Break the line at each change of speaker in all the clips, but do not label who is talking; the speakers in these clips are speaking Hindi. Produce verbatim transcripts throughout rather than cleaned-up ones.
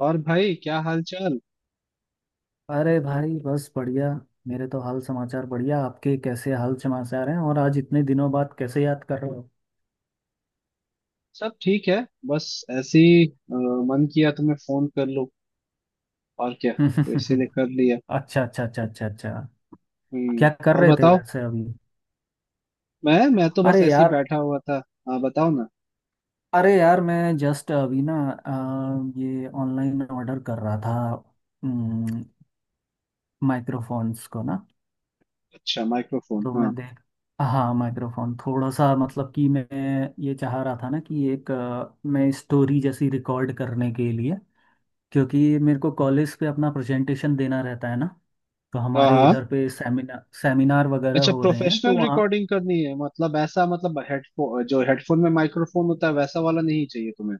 और भाई क्या हाल चाल।
अरे भाई, बस बढ़िया। मेरे तो हाल समाचार बढ़िया, आपके कैसे हाल समाचार हैं? और आज इतने दिनों बाद कैसे याद कर रहे हो?
सब ठीक है। बस ऐसे ही अ, मन किया तो मैं फोन कर लूं और क्या तो इसीलिए कर लिया।
अच्छा, अच्छा, अच्छा, अच्छा, अच्छा।
हम्म,
क्या कर
और
रहे थे
बताओ।
वैसे अभी?
मैं मैं तो बस
अरे
ऐसे ही
यार,
बैठा हुआ था। हाँ बताओ ना।
अरे यार, मैं जस्ट अभी ना अ, ये ऑनलाइन ऑर्डर कर रहा था माइक्रोफोन्स को ना।
अच्छा माइक्रोफोन,
तो
हाँ
मैं देख हाँ, माइक्रोफोन थोड़ा सा, मतलब कि मैं ये चाह रहा था ना कि एक अ, मैं स्टोरी जैसी रिकॉर्ड करने के लिए। क्योंकि मेरे को कॉलेज पे अपना प्रेजेंटेशन देना रहता है ना। तो
हाँ
हमारे
हाँ।
इधर पे सेमिनार सेमिनार वगैरह
अच्छा,
हो रहे हैं, तो
प्रोफेशनल
वहाँ।
रिकॉर्डिंग करनी है मतलब, ऐसा मतलब हेडफोन जो हेडफोन में माइक्रोफोन होता है वैसा वाला नहीं चाहिए तुम्हें,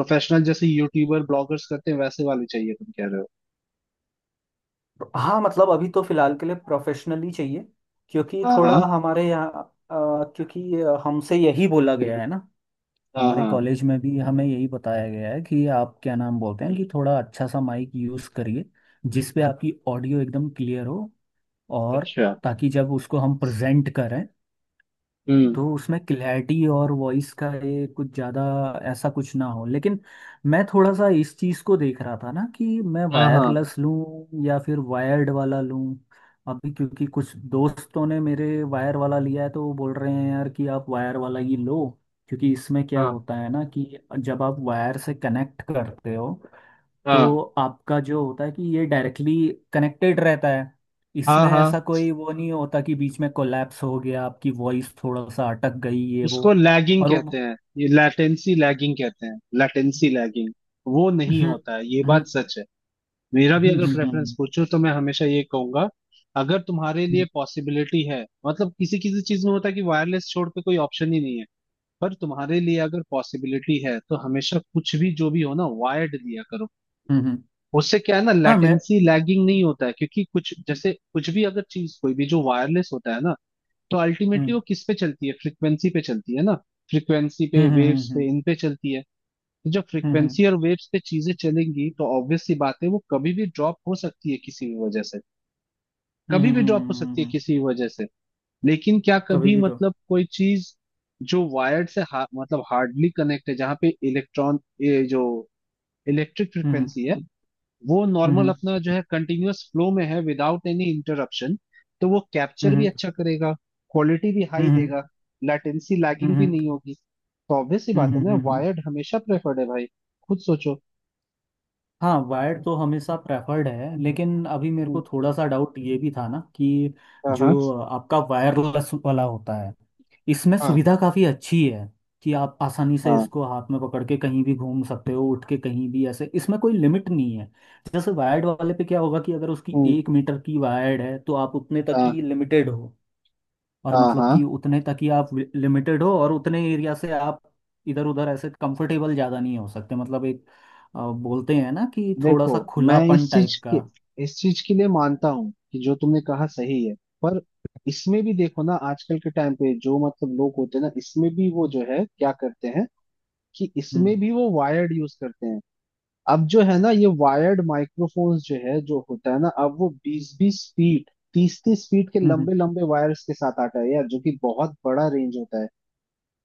प्रोफेशनल जैसे यूट्यूबर ब्लॉगर्स करते हैं वैसे वाले चाहिए तुम कह रहे हो।
हाँ, मतलब अभी तो फिलहाल के लिए प्रोफेशनली चाहिए। क्योंकि
हाँ
थोड़ा
हाँ
हमारे यहाँ अ, क्योंकि हमसे यही बोला गया है ना।
हाँ
हमारे
हाँ।
कॉलेज में भी हमें यही बताया गया है कि आप क्या नाम बोलते हैं, कि थोड़ा अच्छा सा माइक यूज़ करिए जिस पे आपकी ऑडियो एकदम क्लियर हो। और
अच्छा।
ताकि जब उसको हम प्रेजेंट करें,
हम्म।
तो उसमें क्लैरिटी और वॉइस का ये कुछ ज़्यादा ऐसा कुछ ना हो। लेकिन मैं थोड़ा सा इस चीज़ को देख रहा था ना कि मैं
हाँ हाँ
वायरलेस लूँ या फिर वायर्ड वाला लूँ। अभी, क्योंकि कुछ दोस्तों ने मेरे वायर वाला लिया है, तो वो बोल रहे हैं यार कि आप वायर वाला ही लो। क्योंकि इसमें क्या
हाँ
होता है ना, कि जब आप वायर से कनेक्ट करते हो,
हाँ
तो आपका जो होता है कि ये डायरेक्टली कनेक्टेड रहता है।
हाँ
इसमें
हाँ।
ऐसा कोई वो नहीं होता कि बीच में कोलैप्स हो गया, आपकी वॉइस थोड़ा सा अटक गई, ये वो।
उसको लैगिंग
और
कहते
वो
हैं, ये लैटेंसी लैगिंग कहते हैं, लैटेंसी लैगिंग। वो नहीं
हम्म,
होता है, ये
हम्म,
बात सच है। मेरा भी अगर
हम्म,
प्रेफरेंस
हम्म,
पूछो तो मैं हमेशा ये कहूंगा, अगर तुम्हारे लिए
हम्म,
पॉसिबिलिटी है मतलब किसी किसी चीज में होता है कि वायरलेस छोड़ के कोई ऑप्शन ही नहीं है। पर तुम्हारे लिए अगर पॉसिबिलिटी है तो हमेशा, कुछ भी जो भी हो ना, वायर्ड लिया करो।
हम्म, हम्म।
उससे क्या है ना,
हाँ, मैं
लैटेंसी लैगिंग नहीं होता है, क्योंकि कुछ जैसे कुछ भी अगर चीज कोई भी जो वायरलेस होता है ना, तो अल्टीमेटली
हम्म,
वो किस पे चलती है, फ्रिक्वेंसी पे चलती है ना। फ्रिक्वेंसी पे,
हम्म, हम्म,
वेव्स
हम्म,
पे, इन पे चलती है। तो जब
हम्म, हम्म,
फ्रिक्वेंसी और वेव्स पे चीजें चलेंगी तो ऑब्वियस सी बात है वो कभी भी ड्रॉप हो सकती है किसी भी वजह से।
हम्म,
कभी
हम्म,
भी ड्रॉप हो
हम्म,
सकती
हम्म,
है
हम्म।
किसी भी वजह से। लेकिन क्या
कभी
कभी
भी तो
मतलब कोई चीज जो वायर्ड से हा, मतलब हार्डली कनेक्ट है, जहाँ पे इलेक्ट्रॉन ये जो इलेक्ट्रिक
हम्म,
फ्रिक्वेंसी है वो
हम्म,
नॉर्मल
हम्म,
अपना जो है कंटिन्यूअस फ्लो में है विदाउट एनी इंटरप्शन, तो वो कैप्चर भी
हम्म,
अच्छा करेगा, क्वालिटी भी
हम्म,
हाई
हम्म,
देगा, लेटेंसी
हम्म,
लैगिंग
हम्म,
भी नहीं होगी। तो ऑब्वियस सी बात
हम्म,
है ना,
हम्म, हम्म।
वायर्ड हमेशा प्रेफर्ड है भाई। खुद सोचो।
हाँ, वायर्ड तो हमेशा प्रेफर्ड है। लेकिन अभी मेरे को
हम्म,
थोड़ा सा डाउट ये भी था ना कि
हाँ हाँ
जो आपका वायरलेस वाला होता है, इसमें
हाँ
सुविधा काफ़ी अच्छी है। कि आप आसानी से
हाँ।
इसको हाथ में पकड़ के कहीं भी घूम सकते हो, उठ के कहीं भी ऐसे, इसमें कोई लिमिट नहीं है। जैसे वायर्ड वाले पे क्या होगा कि अगर उसकी
हम्म,
एक मीटर की वायर्ड है, तो आप उतने तक ही
हाँ
लिमिटेड हो। और
हाँ
मतलब
हाँ।
कि उतने तक ही आप लिमिटेड हो, और उतने एरिया से आप इधर उधर ऐसे कंफर्टेबल ज़्यादा नहीं हो सकते। मतलब एक अ, बोलते हैं ना कि थोड़ा
देखो,
सा
मैं
खुलापन
इस चीज
टाइप का।
के, इस चीज के लिए मानता हूँ कि जो तुमने कहा सही है, पर इसमें भी देखो ना, आजकल के टाइम पे जो मतलब लोग होते हैं ना, इसमें भी वो जो है क्या करते हैं कि
हम्म,
इसमें भी वो वायर्ड यूज करते हैं। अब जो है ना ये वायर्ड माइक्रोफोन्स जो है जो होता है ना, अब वो बीस बीस फीट, तीस तीस फीट के
हम्म, हम्म,
लंबे लंबे वायर्स के साथ आता है यार, जो कि बहुत बड़ा रेंज होता है।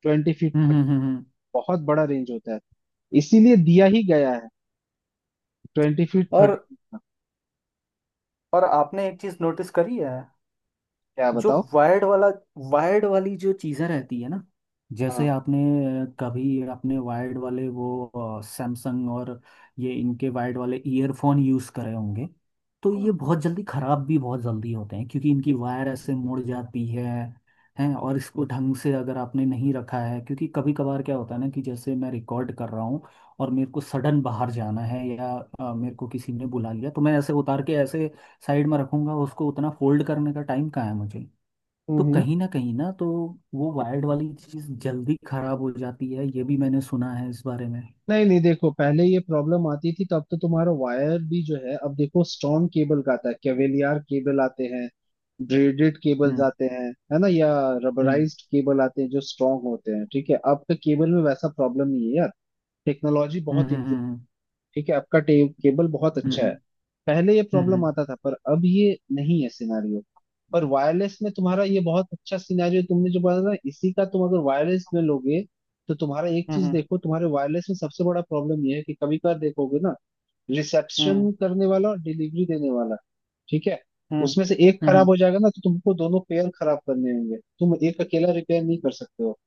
ट्वेंटी फीट,
हम्म,
थर्टी।
हम्म, हम्म, हम्म।
बहुत बड़ा रेंज होता है, इसीलिए दिया ही गया है ट्वेंटी फीट थर्टी
और
फीट का।
और आपने एक चीज नोटिस करी है?
क्या
जो
बताओ।
वायर्ड वाला वायर्ड वाली जो चीज़ें रहती है ना, जैसे
हाँ।
आपने अ, कभी अपने वायर्ड वाले वो सैमसंग और ये इनके वायर्ड वाले ईयरफोन यूज़ करे होंगे। तो
हम्म
ये बहुत जल्दी ख़राब भी बहुत जल्दी होते हैं, क्योंकि इनकी वायर ऐसे मुड़ जाती है, हैं। और इसको ढंग से अगर आपने नहीं रखा है। क्योंकि कभी कभार क्या होता है ना कि जैसे मैं रिकॉर्ड कर रहा हूँ, और मेरे को सडन बाहर जाना है, या अ, मेरे को किसी ने बुला लिया, तो मैं ऐसे उतार के ऐसे साइड में रखूंगा उसको। उतना फोल्ड करने का टाइम कहाँ है मुझे? तो
हम्म, हम्म।
कहीं ना कहीं ना तो वो वायर्ड वाली चीज़ जल्दी खराब हो जाती है, ये भी मैंने सुना है इस बारे में।
नहीं नहीं देखो, पहले ये प्रॉब्लम आती थी, तब तो तुम्हारा वायर भी जो है, अब देखो स्ट्रॉन्ग केबल का आता है, केवेलियर केबल आते हैं, ब्रेडेड केबल्स
हम्म,
आते हैं, है ना, या
हम्म,
रबराइज्ड केबल आते हैं जो स्ट्रॉन्ग होते हैं। ठीक है, अब के केबल में वैसा प्रॉब्लम नहीं है यार। टेक्नोलॉजी
हम्म,
बहुत,
हम्म,
ठीक है आपका टे, केबल बहुत अच्छा है।
हम्म,
पहले ये
हम्म, हम्म,
प्रॉब्लम
हम्म,
आता था पर अब ये नहीं है सिनेरियो। पर वायरलेस में तुम्हारा ये, बहुत अच्छा सिनेरियो तुमने जो बोला ना, इसी का, तुम अगर वायरलेस में लोगे तो तुम्हारा एक
हम्म,
चीज
हम्म,
देखो, तुम्हारे वायरलेस में सबसे बड़ा प्रॉब्लम ये है कि कभी कभार देखोगे ना,
हम्म,
रिसेप्शन करने वाला और डिलीवरी देने वाला, ठीक है,
हम्म,
उसमें से एक
हम्म, हम्म।
खराब हो जाएगा ना, तो तुमको दोनों पेयर खराब करने होंगे, तुम एक अकेला रिपेयर नहीं कर सकते हो।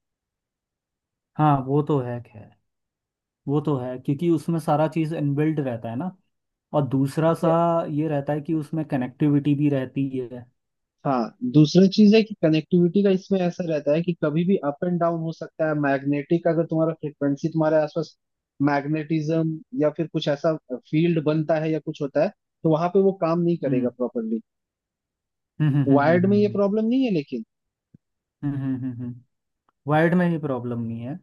हाँ, वो तो है खैर। वो तो है क्योंकि उसमें सारा चीज़ इनबिल्ट रहता है ना। और दूसरा
ठीक
सा
है।
ये रहता है कि उसमें कनेक्टिविटी भी रहती है।
हाँ, दूसरी चीज है कि कनेक्टिविटी का, इसमें ऐसा रहता है कि कभी भी अप एंड डाउन हो सकता है, मैग्नेटिक, अगर तुम्हारा फ्रिक्वेंसी तुम्हारे आसपास मैग्नेटिज्म या फिर कुछ ऐसा फील्ड बनता है या कुछ होता है, तो वहां पे वो काम नहीं करेगा
हम्म,
प्रॉपरली।
हम्म, हम्म, हम्म,
वायर्ड
हम्म,
में ये
हम्म,
प्रॉब्लम नहीं है, लेकिन
हम्म, हम्म, हम्म, हम्म। वायर्ड में ही प्रॉब्लम नहीं है,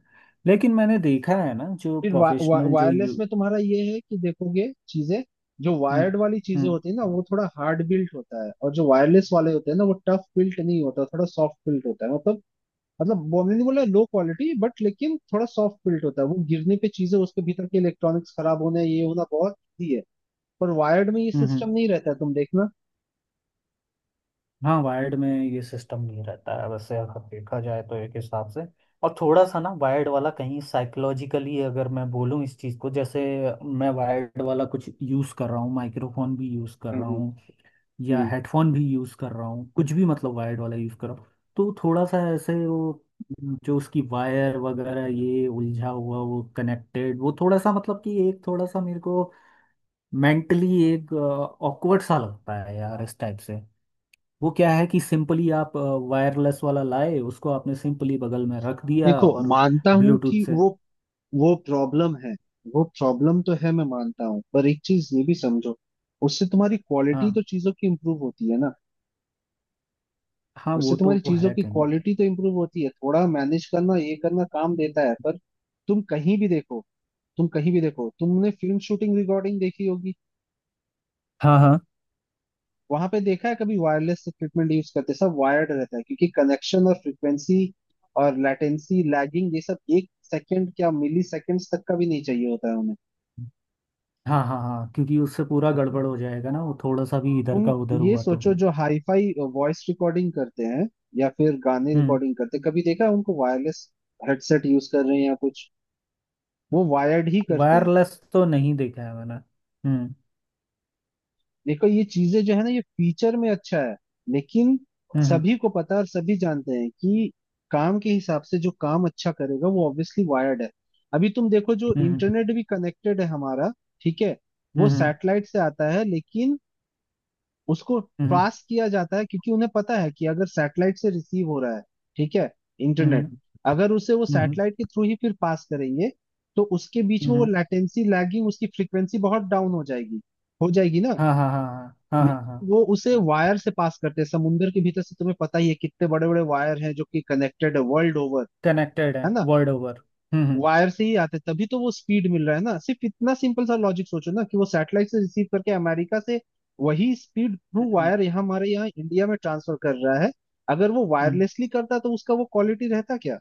लेकिन मैंने देखा है ना, जो
फिर वा, वा,
प्रोफेशनल जो यू
वायरलेस में तुम्हारा ये है कि देखोगे चीजें, जो
हम्म,
वायर्ड वाली चीजें
हम्म,
होती है ना वो थोड़ा हार्ड बिल्ट होता है, और जो वायरलेस वाले होते हैं ना वो टफ बिल्ट नहीं होता, थोड़ा सॉफ्ट बिल्ट होता है, मतलब, मतलब वो मैंने बोला लो क्वालिटी बट, लेकिन थोड़ा सॉफ्ट बिल्ट होता है, वो गिरने पे चीजें, उसके भीतर के इलेक्ट्रॉनिक्स खराब होना ये होना बहुत ही है। पर वायर्ड में ये
हम्म, हम्म।
सिस्टम नहीं रहता है, तुम देखना।
हाँ, वायर्ड में ये सिस्टम नहीं रहता है वैसे, अगर देखा जाए तो एक हिसाब से। और थोड़ा सा ना वायर्ड वाला कहीं साइकोलॉजिकली अगर मैं बोलूँ इस चीज़ को, जैसे मैं वायर्ड वाला कुछ यूज़ कर रहा हूँ, माइक्रोफोन भी यूज़ कर रहा
हम्म,
हूँ या
हम्म।
हेडफोन भी यूज़ कर रहा हूँ, कुछ भी मतलब वायर्ड वाला यूज़ कर रहा हूँ। तो थोड़ा सा ऐसे वो, जो उसकी वायर वगैरह, ये उलझा हुआ वो कनेक्टेड, वो थोड़ा सा मतलब कि एक थोड़ा सा मेरे को मेंटली एक ऑकवर्ड सा लगता है यार, इस टाइप से। वो क्या है कि सिंपली आप वायरलेस वाला लाए, उसको आपने सिंपली बगल में रख दिया,
देखो,
और
मानता हूं
ब्लूटूथ
कि
से।
वो वो प्रॉब्लम है, वो प्रॉब्लम तो है, मैं मानता हूँ, पर एक चीज ये भी समझो, उससे तुम्हारी क्वालिटी
हाँ,
तो चीजों की इम्प्रूव होती है ना।
हाँ,
उससे
वो
तुम्हारी
तो
चीजों
है
की
कहीं।
क्वालिटी तो इम्प्रूव होती है, थोड़ा मैनेज करना ये करना काम देता है, पर तुम कहीं भी देखो, तुम कहीं भी देखो, तुमने फिल्म शूटिंग रिकॉर्डिंग देखी होगी,
हाँ, हाँ,
वहां पे देखा है कभी वायरलेस इक्विपमेंट यूज करते, सब वायर्ड रहता है क्योंकि कनेक्शन और फ्रीक्वेंसी और लैटेंसी लैगिंग, ये सब एक सेकंड क्या मिली सेकंड्स तक का भी नहीं चाहिए होता है उन्हें।
हाँ, हाँ, हाँ, क्योंकि उससे पूरा गड़बड़ हो जाएगा ना, वो थोड़ा सा भी इधर का
तुम
उधर
ये
हुआ तो।
सोचो, जो हाईफाई वॉइस रिकॉर्डिंग करते हैं या फिर गाने
हम्म।
रिकॉर्डिंग करते हैं, कभी देखा है उनको वायरलेस हेडसेट यूज कर रहे हैं या कुछ, वो वायर्ड ही करते हैं।
वायरलेस तो नहीं देखा है मैंने। हम्म,
देखो, ये चीजें जो है ना, ये फीचर में अच्छा है, लेकिन
हम्म,
सभी को पता है और सभी जानते हैं कि काम के हिसाब से जो काम अच्छा करेगा वो ऑब्वियसली वायर्ड है। अभी तुम देखो जो
हम्म,
इंटरनेट भी कनेक्टेड है हमारा, ठीक है, वो
हम्म,
सैटेलाइट से आता है, लेकिन उसको
हम्म, हम्म,
पास किया जाता है क्योंकि उन्हें पता है कि अगर सैटेलाइट से रिसीव हो रहा है, ठीक है,
हम्म, हम्म,
इंटरनेट,
हम्म,
अगर उसे वो
हम्म, हम्म,
सैटेलाइट के थ्रू ही फिर पास करेंगे तो उसके बीच
हम्म,
में वो
हम्म।
लैटेंसी लैगिंग, उसकी फ्रीक्वेंसी बहुत डाउन हो जाएगी, हो जाएगी ना।
हाँ, हाँ, हाँ, हाँ, हाँ, हाँ, हाँ,
लेकिन वो उसे
हाँ,
वायर से पास करते हैं, समुंदर के भीतर से तुम्हें पता ही है कितने बड़े बड़े वायर हैं जो कि कनेक्टेड है वर्ल्ड ओवर,
कनेक्टेड है
है ना।
World over. हम्म, हम्म,
वायर से ही आते हैं, तभी तो वो स्पीड मिल रहा है ना। सिर्फ इतना सिंपल सा लॉजिक सोचो ना कि वो सैटेलाइट से रिसीव करके अमेरिका से वही स्पीड थ्रू
हम्म,
वायर यहाँ हमारे यहाँ इंडिया में ट्रांसफर कर रहा है। अगर वो
हम्म, हम्म।
वायरलेसली करता तो उसका वो क्वालिटी रहता क्या।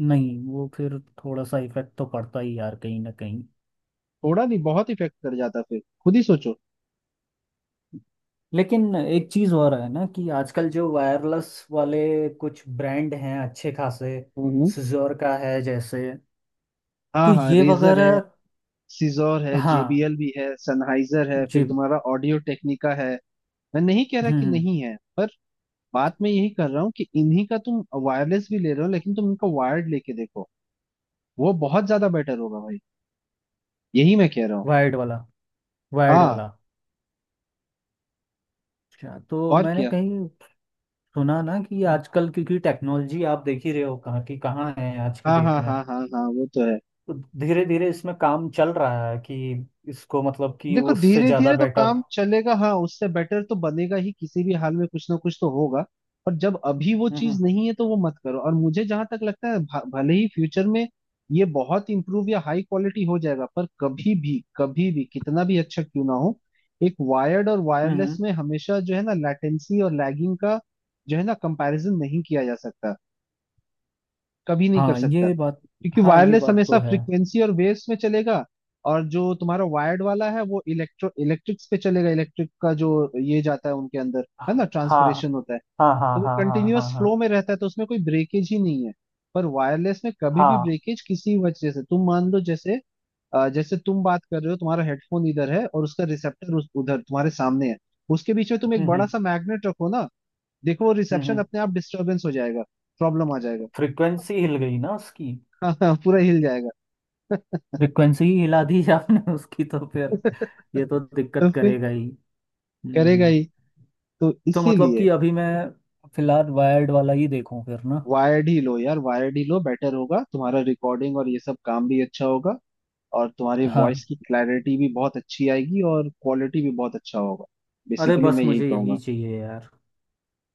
नहीं, वो फिर थोड़ा सा इफेक्ट तो पड़ता ही यार, कहीं ना कहीं।
थोड़ा नहीं, बहुत इफेक्ट कर जाता, फिर खुद ही सोचो।
लेकिन एक चीज हो रहा है ना कि आजकल जो वायरलेस वाले कुछ ब्रांड हैं अच्छे खासे।
हम्म।
सिजोर का है जैसे, तो
हाँ हाँ
ये
रेजर है,
वगैरह।
सीजोर है,
हाँ,
जेबीएल भी है, सनहाइजर है, फिर
जी।
तुम्हारा ऑडियो टेक्निका है। मैं नहीं कह रहा
हम्म,
कि
हम्म।
नहीं है, पर बात मैं यही कर रहा हूँ कि इन्हीं का तुम वायरलेस भी ले रहे हो, लेकिन तुम इनका वायर्ड लेके देखो, वो बहुत ज्यादा बेटर होगा भाई। यही मैं कह रहा हूँ।
वायर्ड वाला, वायर्ड
हाँ
वाला। अच्छा, तो
और
मैंने
क्या।
कहीं सुना ना कि आजकल, क्योंकि टेक्नोलॉजी आप देख ही रहे हो कहाँ की कहाँ है आज की
हाँ
डेट
हाँ
में।
हाँ हाँ हाँ, वो तो है।
तो धीरे धीरे इसमें काम चल रहा है कि इसको मतलब कि
देखो,
उससे
धीरे
ज़्यादा
धीरे तो
बेटर।
काम चलेगा, हाँ उससे बेटर तो बनेगा ही, किसी भी हाल में कुछ ना कुछ तो होगा। पर जब अभी वो
हम्म,
चीज नहीं है तो वो मत करो, और मुझे जहां तक लगता है भ- भले ही फ्यूचर में ये बहुत इंप्रूव या हाई क्वालिटी हो जाएगा, पर कभी भी, कभी भी, कितना भी अच्छा क्यों ना हो, एक वायर्ड और
हम्म,
वायरलेस
हम्म।
में हमेशा जो है ना लेटेंसी और लैगिंग का जो है ना, कंपैरिजन नहीं किया जा सकता, कभी नहीं कर
हाँ
सकता,
ये बात
क्योंकि
हाँ, ये
वायरलेस
बात
हमेशा
तो है।
फ्रीक्वेंसी और वेव्स में चलेगा, और जो तुम्हारा वायर्ड वाला है वो इलेक्ट्रो, इलेक्ट्रिक्स पे चलेगा, इलेक्ट्रिक का जो ये जाता है उनके अंदर है
हाँ,
ना,
हाँ,
ट्रांसफरेशन होता है।
हाँ, हाँ,
तो वो
हाँ, हाँ, हाँ,
कंटिन्यूअस
हाँ,
फ्लो में रहता है तो उसमें कोई ब्रेकेज ही नहीं है। पर वायरलेस में कभी भी
हाँ,
ब्रेकेज किसी वजह से, तुम मान लो जैसे, अ, जैसे तुम बात कर रहे हो, तुम्हारा हेडफोन इधर है और उसका रिसेप्टर उस, उधर तुम्हारे सामने है, उसके बीच में तुम एक
हम्म,
बड़ा
हम्म,
सा मैग्नेट रखो ना, देखो वो रिसेप्शन
हम्म।
अपने आप डिस्टरबेंस हो जाएगा, प्रॉब्लम आ जाएगा।
फ्रीक्वेंसी हिल गई ना उसकी?
हाँ हाँ पूरा हिल जाएगा।
फ्रीक्वेंसी ही हिला दी आपने उसकी, तो फिर ये तो
तो
दिक्कत
फिर
करेगा ही।
करेगा
हम्म।
ही, तो
तो मतलब
इसीलिए
कि अभी मैं फिलहाल वायर्ड वाला ही देखूं फिर ना?
वायर्ड ही लो यार, वायर्ड ही लो, बेटर होगा तुम्हारा रिकॉर्डिंग और ये सब काम भी अच्छा होगा, और तुम्हारी
हाँ,
वॉइस की क्लैरिटी भी बहुत अच्छी आएगी और क्वालिटी भी बहुत अच्छा होगा।
अरे,
बेसिकली
बस
मैं यही
मुझे यही
कहूंगा।
चाहिए यार।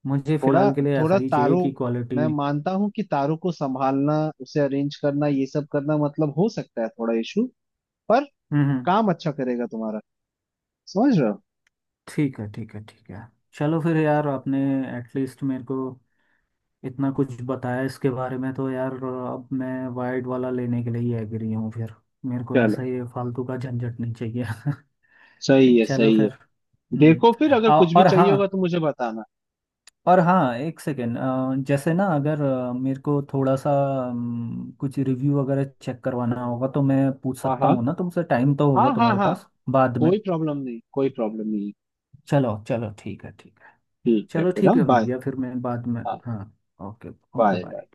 मुझे
थोड़ा,
फिलहाल के लिए ऐसा
थोड़ा
ही चाहिए
तारों,
कि
मैं
क्वालिटी
मानता हूँ कि तारों को संभालना, उसे अरेंज करना ये सब करना मतलब हो सकता है थोड़ा इशू, पर
हम्म, हम्म।
काम अच्छा करेगा तुम्हारा, समझ रहे हो।
ठीक है, ठीक है, ठीक है। चलो फिर यार, आपने एटलीस्ट मेरे को इतना कुछ बताया इसके बारे में, तो यार अब मैं वायर्ड वाला लेने के लिए ही एग्री हूँ फिर। मेरे को ऐसा
चलो,
ही फालतू का झंझट नहीं चाहिए।
सही है,
चलो
सही है।
फिर। हम्म।
देखो फिर अगर
औ-
कुछ भी
और
चाहिए होगा
हाँ,
तो मुझे बताना।
और हाँ, एक सेकेंड। जैसे ना, अगर अ, मेरे को थोड़ा सा अम, कुछ रिव्यू वगैरह चेक करवाना होगा, तो मैं पूछ
हाँ
सकता
हाँ
हूँ ना तुमसे, टाइम तो
हाँ
होगा
हाँ
तुम्हारे
हाँ,
पास बाद में?
कोई प्रॉब्लम नहीं, कोई प्रॉब्लम नहीं।
चलो, चलो, ठीक है, ठीक है।
ठीक है
चलो,
फिर,
ठीक
हाँ
है
बाय।
भैया, फिर मैं बाद में,
हाँ
हाँ। ओके। Okay,
bye.
बाय।